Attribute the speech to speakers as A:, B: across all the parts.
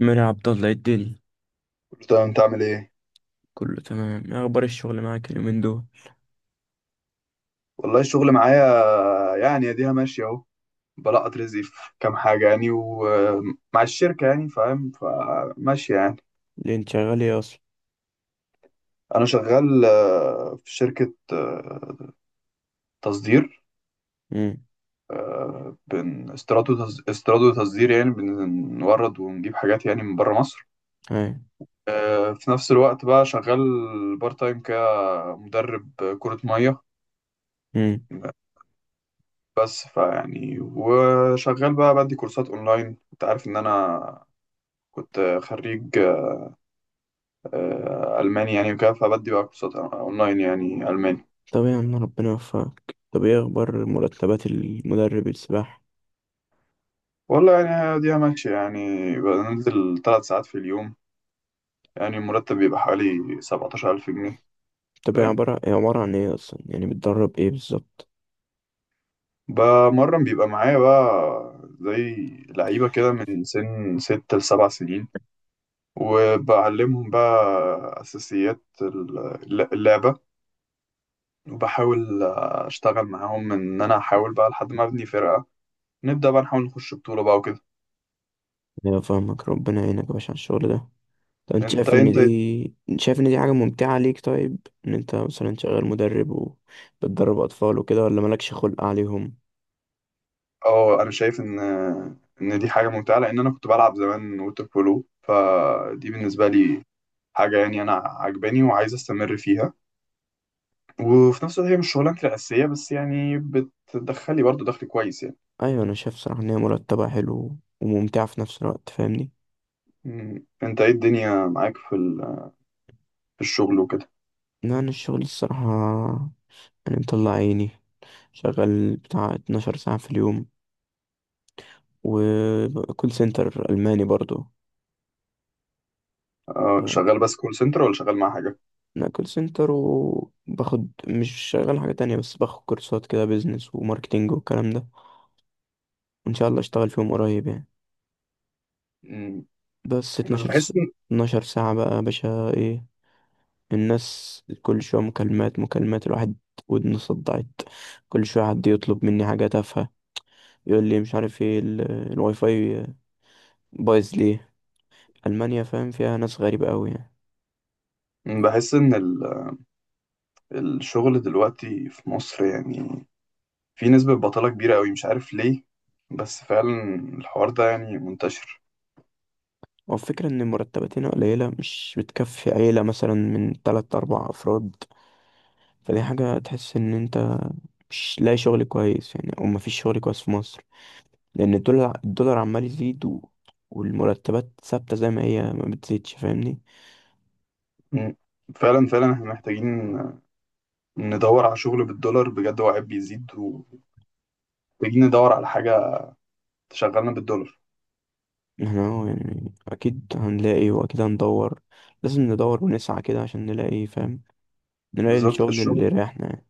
A: مين يا عبد الله؟ إيه الدنيا؟
B: تمام، انت عامل ايه؟
A: كله تمام. ايه اخبار الشغل معاك اليومين دول؟
B: والله الشغل معايا، يعني اديها ماشية اهو. بلقط رزقي في كام حاجة يعني، ومع الشركة يعني، فاهم؟ فماشية يعني.
A: اللي انت شغال ايه اصلا؟
B: انا شغال في شركة تصدير.
A: امم.
B: استيراد وتصدير، يعني بنورد ونجيب حاجات يعني من بره مصر.
A: هاي.
B: في نفس الوقت بقى شغال بارت تايم كمدرب كرة مية.
A: امم.
B: بس فيعني وشغال بقى بدي كورسات اونلاين. انت عارف ان انا كنت خريج ألماني يعني وكده، فبدي بقى كورسات أونلاين يعني ألماني.
A: طب يا عم، ربنا يوفقك. طب ايه اخبار مرتبات المدرب السباحة؟
B: والله يعني دي ماشية يعني، بنزل 3 ساعات في اليوم، يعني المرتب بيبقى حوالي 17 ألف جنيه.
A: طب، هي
B: فاهم؟
A: عبارة هي عبارة عن ايه اصلا؟ يعني بتدرب ايه بالظبط؟
B: بمرن بيبقى معايا بقى زي لعيبة كده، من سن ست لسبع سنين، وبعلمهم بقى أساسيات اللعبة، وبحاول أشتغل معاهم إن أنا أحاول بقى لحد ما أبني فرقة، نبدأ بقى نحاول نخش بطولة بقى وكده.
A: ايوه، فاهمك. ربنا يعينك يا باشا على الشغل ده. طب انت
B: انت
A: شايف ان
B: انت
A: دي انت شايف ان دي حاجة ممتعة ليك؟ طيب، ان انت مثلا شغال مدرب، وبتدرب اطفال وكده، ولا مالكش خلق عليهم؟
B: اه، انا شايف ان دي حاجه ممتعه، لان انا كنت بلعب زمان ووتر بولو، فدي بالنسبه لي حاجه يعني انا عجباني وعايز استمر فيها. وفي نفس الوقت هي مش شغلانتي الاساسيه، بس يعني بتدخلي برضو دخل كويس يعني.
A: ايوه، انا شايف صراحة ان هي مرتبة حلو وممتعة في نفس الوقت، فاهمني؟
B: مم. انت ايه الدنيا معاك في في الشغل وكده؟
A: لا، أنا الشغل الصراحة يعني مطلع عيني. شغال بتاع 12 ساعة في اليوم، وكول سنتر ألماني برضو.
B: اه،
A: ف-
B: شغال بس كول سنتر ولا شغال مع حاجه؟
A: أنا كول سنتر، وباخد مش شغال حاجة تانية، بس باخد كورسات كده بيزنس وماركتينج والكلام ده. وإن شاء الله أشتغل فيهم قريب يعني.
B: مم.
A: بس
B: بس بحس
A: 12 ساعة بقى يا باشا. إيه الناس، كل شوية مكالمات مكالمات، الواحد ودنه صدعت. كل شوية حد يطلب مني حاجة تافهة، يقول لي مش عارف ايه الواي فاي بايظ ليه. ألمانيا فاهم، فيها ناس غريبة أوي يعني.
B: ان الشغل دلوقتي في مصر يعني في نسبه بطاله كبيره قوي، مش عارف ليه. بس فعلا الحوار ده يعني منتشر.
A: هو الفكرة إن المرتبات هنا قليلة، مش بتكفي عيلة مثلا من تلات أربع أفراد. فدي حاجة تحس إن أنت مش لاقي شغل كويس يعني، أو مفيش شغل كويس في مصر. لأن الدولار الدولار عمال يزيد والمرتبات ثابتة زي ما هي، ما بتزيدش، فاهمني؟
B: مم. فعلا فعلا احنا محتاجين ندور على شغل بالدولار بجد، هو عيب بيزيد، ومحتاجين ندور على حاجة تشغلنا بالدولار.
A: احنا أهو يعني أكيد هنلاقي وأكيد هندور. لازم ندور ونسعى كده عشان نلاقي، فاهم؟ نلاقي
B: بالظبط.
A: الشغل اللي
B: الشغل
A: يريحنا يعني.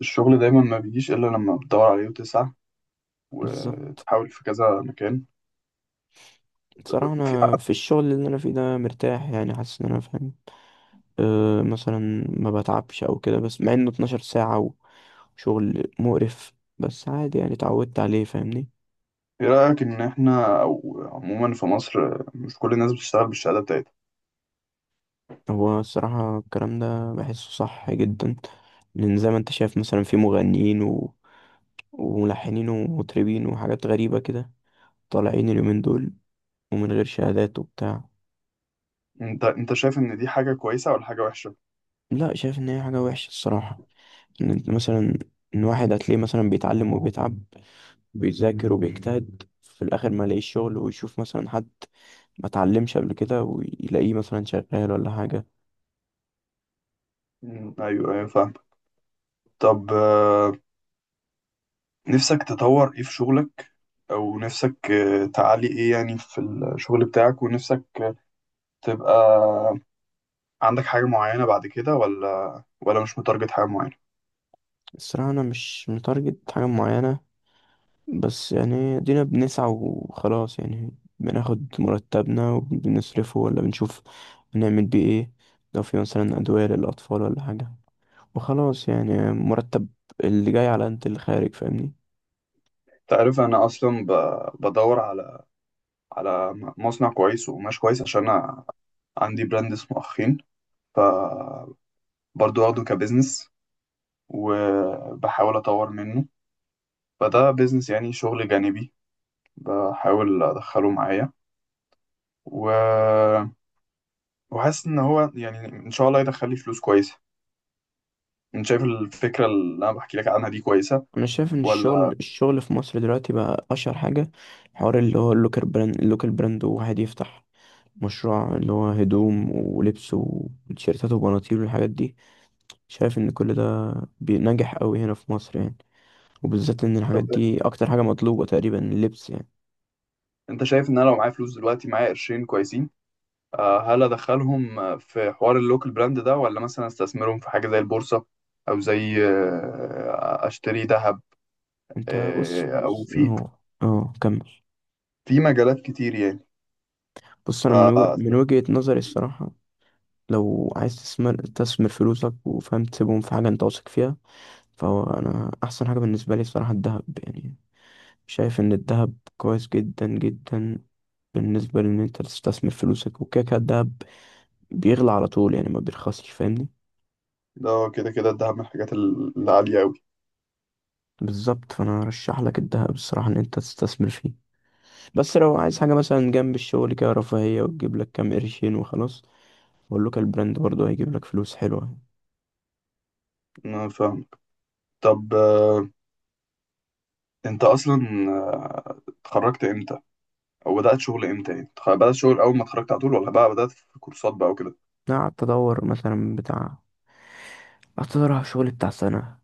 B: الشغل دايما ما بيجيش إلا لما بتدور عليه وتسعى
A: بالظبط.
B: وتحاول في كذا مكان.
A: بصراحة
B: في
A: أنا في الشغل اللي أنا فيه ده مرتاح يعني، حاسس إن أنا فاهم. أه مثلا ما بتعبش او كده، بس مع انه 12 ساعة وشغل مقرف، بس عادي يعني، اتعودت عليه، فاهمني؟
B: إيه رأيك إن احنا أو عموما في مصر مش كل الناس بتشتغل بالشهادة بتاعتها؟
A: هو الصراحة الكلام ده بحسه صح جدا، لان زي ما انت شايف مثلا في مغنيين وملحنين ومطربين وحاجات غريبة كده طالعين اليومين دول، ومن غير شهادات وبتاع.
B: انت شايف ان دي حاجة كويسة ولا حاجة وحشة؟
A: لا، شايف ان هي حاجة وحشة الصراحة. ان انت مثلا، ان واحد هتلاقيه مثلا بيتعلم وبيتعب، بيذاكر وبيجتهد، في الاخر ما يلاقيش شغل، ويشوف مثلا حد ما اتعلمش قبل كده ويلاقيه مثلا شغال ولا حاجة.
B: مم. ايوه، ايوه، فاهم. طب نفسك تطور ايه في شغلك، او نفسك تعلي ايه يعني في الشغل بتاعك، ونفسك تبقى عندك حاجة معينة بعد كده، ولا مش متارجت حاجة معينة؟
A: الصراحة أنا مش متارجت حاجة معينة، بس يعني دينا بنسعى وخلاص يعني. بناخد مرتبنا وبنصرفه، ولا بنشوف بنعمل بيه ايه؟ لو في مثلا أدوية للأطفال ولا حاجة، وخلاص يعني. مرتب اللي جاي على انت اللي خارج، فاهمني؟
B: انت عارف أنا أصلا بدور على على مصنع كويس وقماش كويس، عشان أنا عندي براند اسمه أخين. فبرضه واخده كبزنس، وبحاول أطور منه. فده بزنس يعني شغل جانبي، بحاول أدخله معايا و... وحاسس إن هو يعني إن شاء الله يدخل لي فلوس كويسة. أنت شايف الفكرة اللي أنا بحكي لك عنها دي كويسة
A: أنا شايف إن الشغل
B: ولا؟
A: الشغل في مصر دلوقتي بقى أشهر حاجة، حوار اللي هو اللوكال براند اللوكال براند، وواحد يفتح مشروع اللي هو هدوم ولبس وتيشيرتات وبناطيل والحاجات دي. شايف ان كل ده بينجح قوي هنا في مصر يعني، وبالذات ان
B: طب
A: الحاجات دي اكتر حاجة مطلوبة تقريبا، اللبس يعني.
B: انت شايف ان انا لو معايا فلوس دلوقتي، معايا قرشين كويسين، هل ادخلهم في حوار اللوكال براند ده، ولا مثلا استثمرهم في حاجه زي البورصه، او زي اشتري ذهب؟
A: انت بص
B: او
A: بص
B: في
A: اهو. اه، كمل.
B: مجالات كتير يعني.
A: بص، انا من
B: ف،
A: وجهة نظري الصراحة، لو عايز تستثمر تستثمر فلوسك، وفاهم، تسيبهم في حاجة انت واثق فيها. فهو، انا احسن حاجة بالنسبة لي الصراحة الذهب يعني. شايف ان الذهب كويس جدا جدا. بالنسبة لان انت تستثمر فلوسك، وكده كده الدهب بيغلى على طول يعني، ما بيرخصش، فاهمني؟
B: ده كده كده الدهب من الحاجات العاليه قوي.
A: بالظبط، فانا ارشح لك الذهب الصراحه ان انت تستثمر فيه. بس لو عايز حاجه مثلا جنب الشغل كده رفاهيه، وتجيب لك كام قرشين وخلاص. واللوكال براند برضه هيجيب لك فلوس حلوه.
B: انا فاهم. طب انت اصلا آه، اتخرجت امتى، او بدات شغل امتى يعني؟ بدات شغل اول ما اتخرجت على طول، ولا بقى بدات في كورسات بقى وكده؟
A: انا قعدت ادور على شغل بتاع سنه.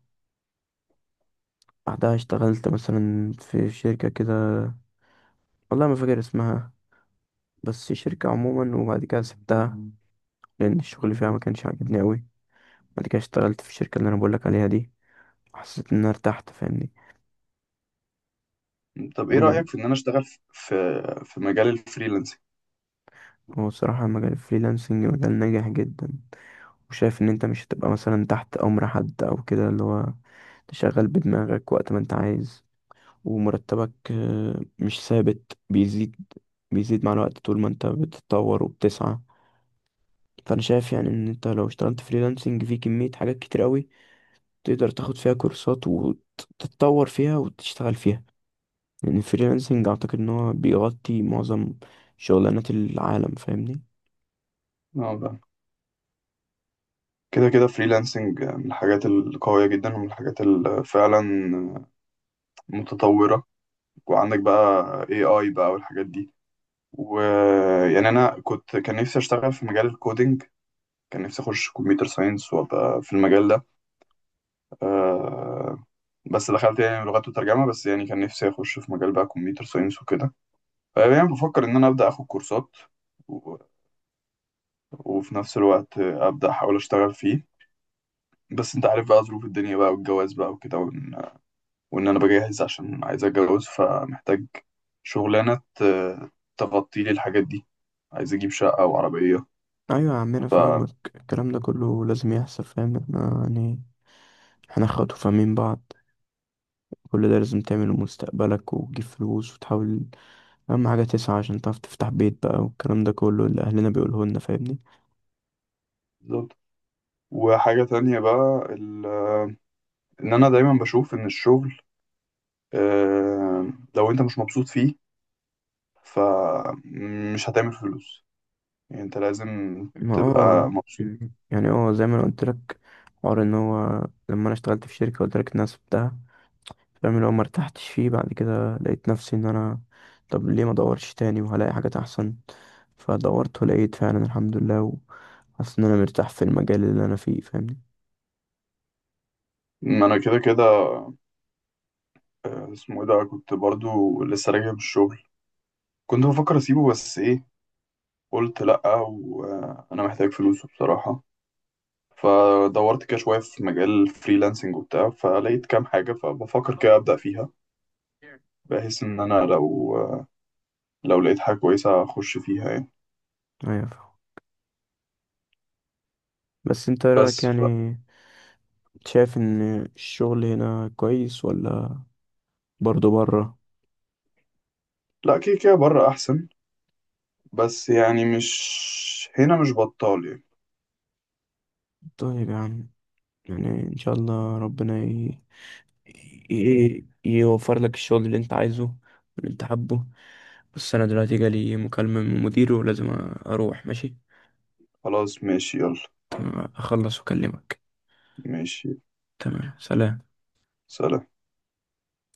A: بعدها اشتغلت مثلا في شركه كده، والله ما فاكر اسمها، بس شركه عموما، وبعد كده سبتها لان الشغل فيها ما كانش عاجبني قوي. بعد كده اشتغلت في الشركه اللي انا بقول لك عليها دي، حسيت ان انا ارتحت، فاهمني؟
B: طب ايه رايك في ان انا اشتغل في مجال الفريلانسنج؟
A: هو الصراحة مجال الفريلانسنج مجال ناجح جدا. وشايف ان انت مش هتبقى مثلا تحت امر حد او كده، اللي هو تشغل بدماغك وقت ما انت عايز. ومرتبك مش ثابت، بيزيد بيزيد مع الوقت طول ما انت بتتطور وبتسعى. فانا شايف يعني ان انت لو اشتغلت فريلانسنج في كمية حاجات كتير قوي، تقدر تاخد فيها كورسات وتتطور فيها وتشتغل فيها، لان الفريلانسنج اعتقد ان هو بيغطي معظم شغلانات العالم، فاهمني؟
B: كده كده فريلانسنج من الحاجات القوية جدا، ومن الحاجات اللي فعلا متطورة. وعندك بقى AI بقى والحاجات دي. ويعني أنا كنت كان نفسي أشتغل في مجال الكودينج، كان نفسي أخش كمبيوتر ساينس وأبقى في المجال ده. آه، بس دخلت يعني لغات وترجمة. بس يعني كان نفسي أخش في مجال بقى كمبيوتر ساينس وكده. يعني بفكر إن أنا أبدأ أخد كورسات و- وفي نفس الوقت أبدأ أحاول أشتغل فيه. بس أنت عارف بقى ظروف الدنيا بقى والجواز بقى وكده، وان انا بجهز عشان عايز اتجوز، فمحتاج شغلانه تغطي لي الحاجات دي، عايز اجيب شقه وعربيه.
A: ايوه يا عمنا
B: ف،
A: فاهمك. الكلام ده كله لازم يحصل، فاهم؟ احنا يعني احنا اخوات وفاهمين بعض. كل ده لازم تعمله مستقبلك، وتجيب فلوس وتحاول. اهم حاجه تسعى عشان تعرف تفتح بيت بقى، والكلام ده كله اللي اهلنا بيقوله لنا، فاهمني؟
B: بالظبط. وحاجه تانية بقى ان انا دايما بشوف ان الشغل آه، لو انت مش مبسوط فيه فمش هتعمل فلوس، يعني انت لازم
A: ما،
B: تبقى مبسوط.
A: يعني زي ما انا قلت لك، حوار ان هو لما انا اشتغلت في شركه قلت لك الناس بتاعها فاهم، اللي هو ما ارتحتش فيه. بعد كده لقيت نفسي ان انا، طب ليه ما ادورش تاني وهلاقي حاجات احسن؟ فدورت ولقيت فعلا الحمد لله، حاسس ان انا مرتاح في المجال اللي انا فيه، فاهمني؟
B: ما انا كده كده. اسمه ايه ده، كنت برضو لسه راجع من الشغل. كنت بفكر اسيبه، بس ايه، قلت لأ، وأنا محتاج فلوس بصراحة. فدورت كده شوية في مجال فريلانسنج وبتاع، فلقيت كام حاجة، فبفكر كده أبدأ فيها، بحيث إن أنا لو لقيت حاجة كويسة أخش فيها يعني.
A: ايوه فاهم. بس انت رايك
B: بس
A: يعني، شايف ان الشغل هنا كويس ولا برضه بره؟
B: لا، كده كده بره أحسن، بس يعني مش هنا مش بطال يعني.
A: طيب يا عم، يعني ان شاء الله ربنا يوفر لك الشغل اللي انت عايزه واللي انت حابه. بس انا دلوقتي جالي مكالمة من مديره، ولازم اروح. ماشي؟
B: خلاص ماشي، يلا.
A: تمام، اخلص واكلمك.
B: ماشي.
A: تمام، سلام.
B: سلام.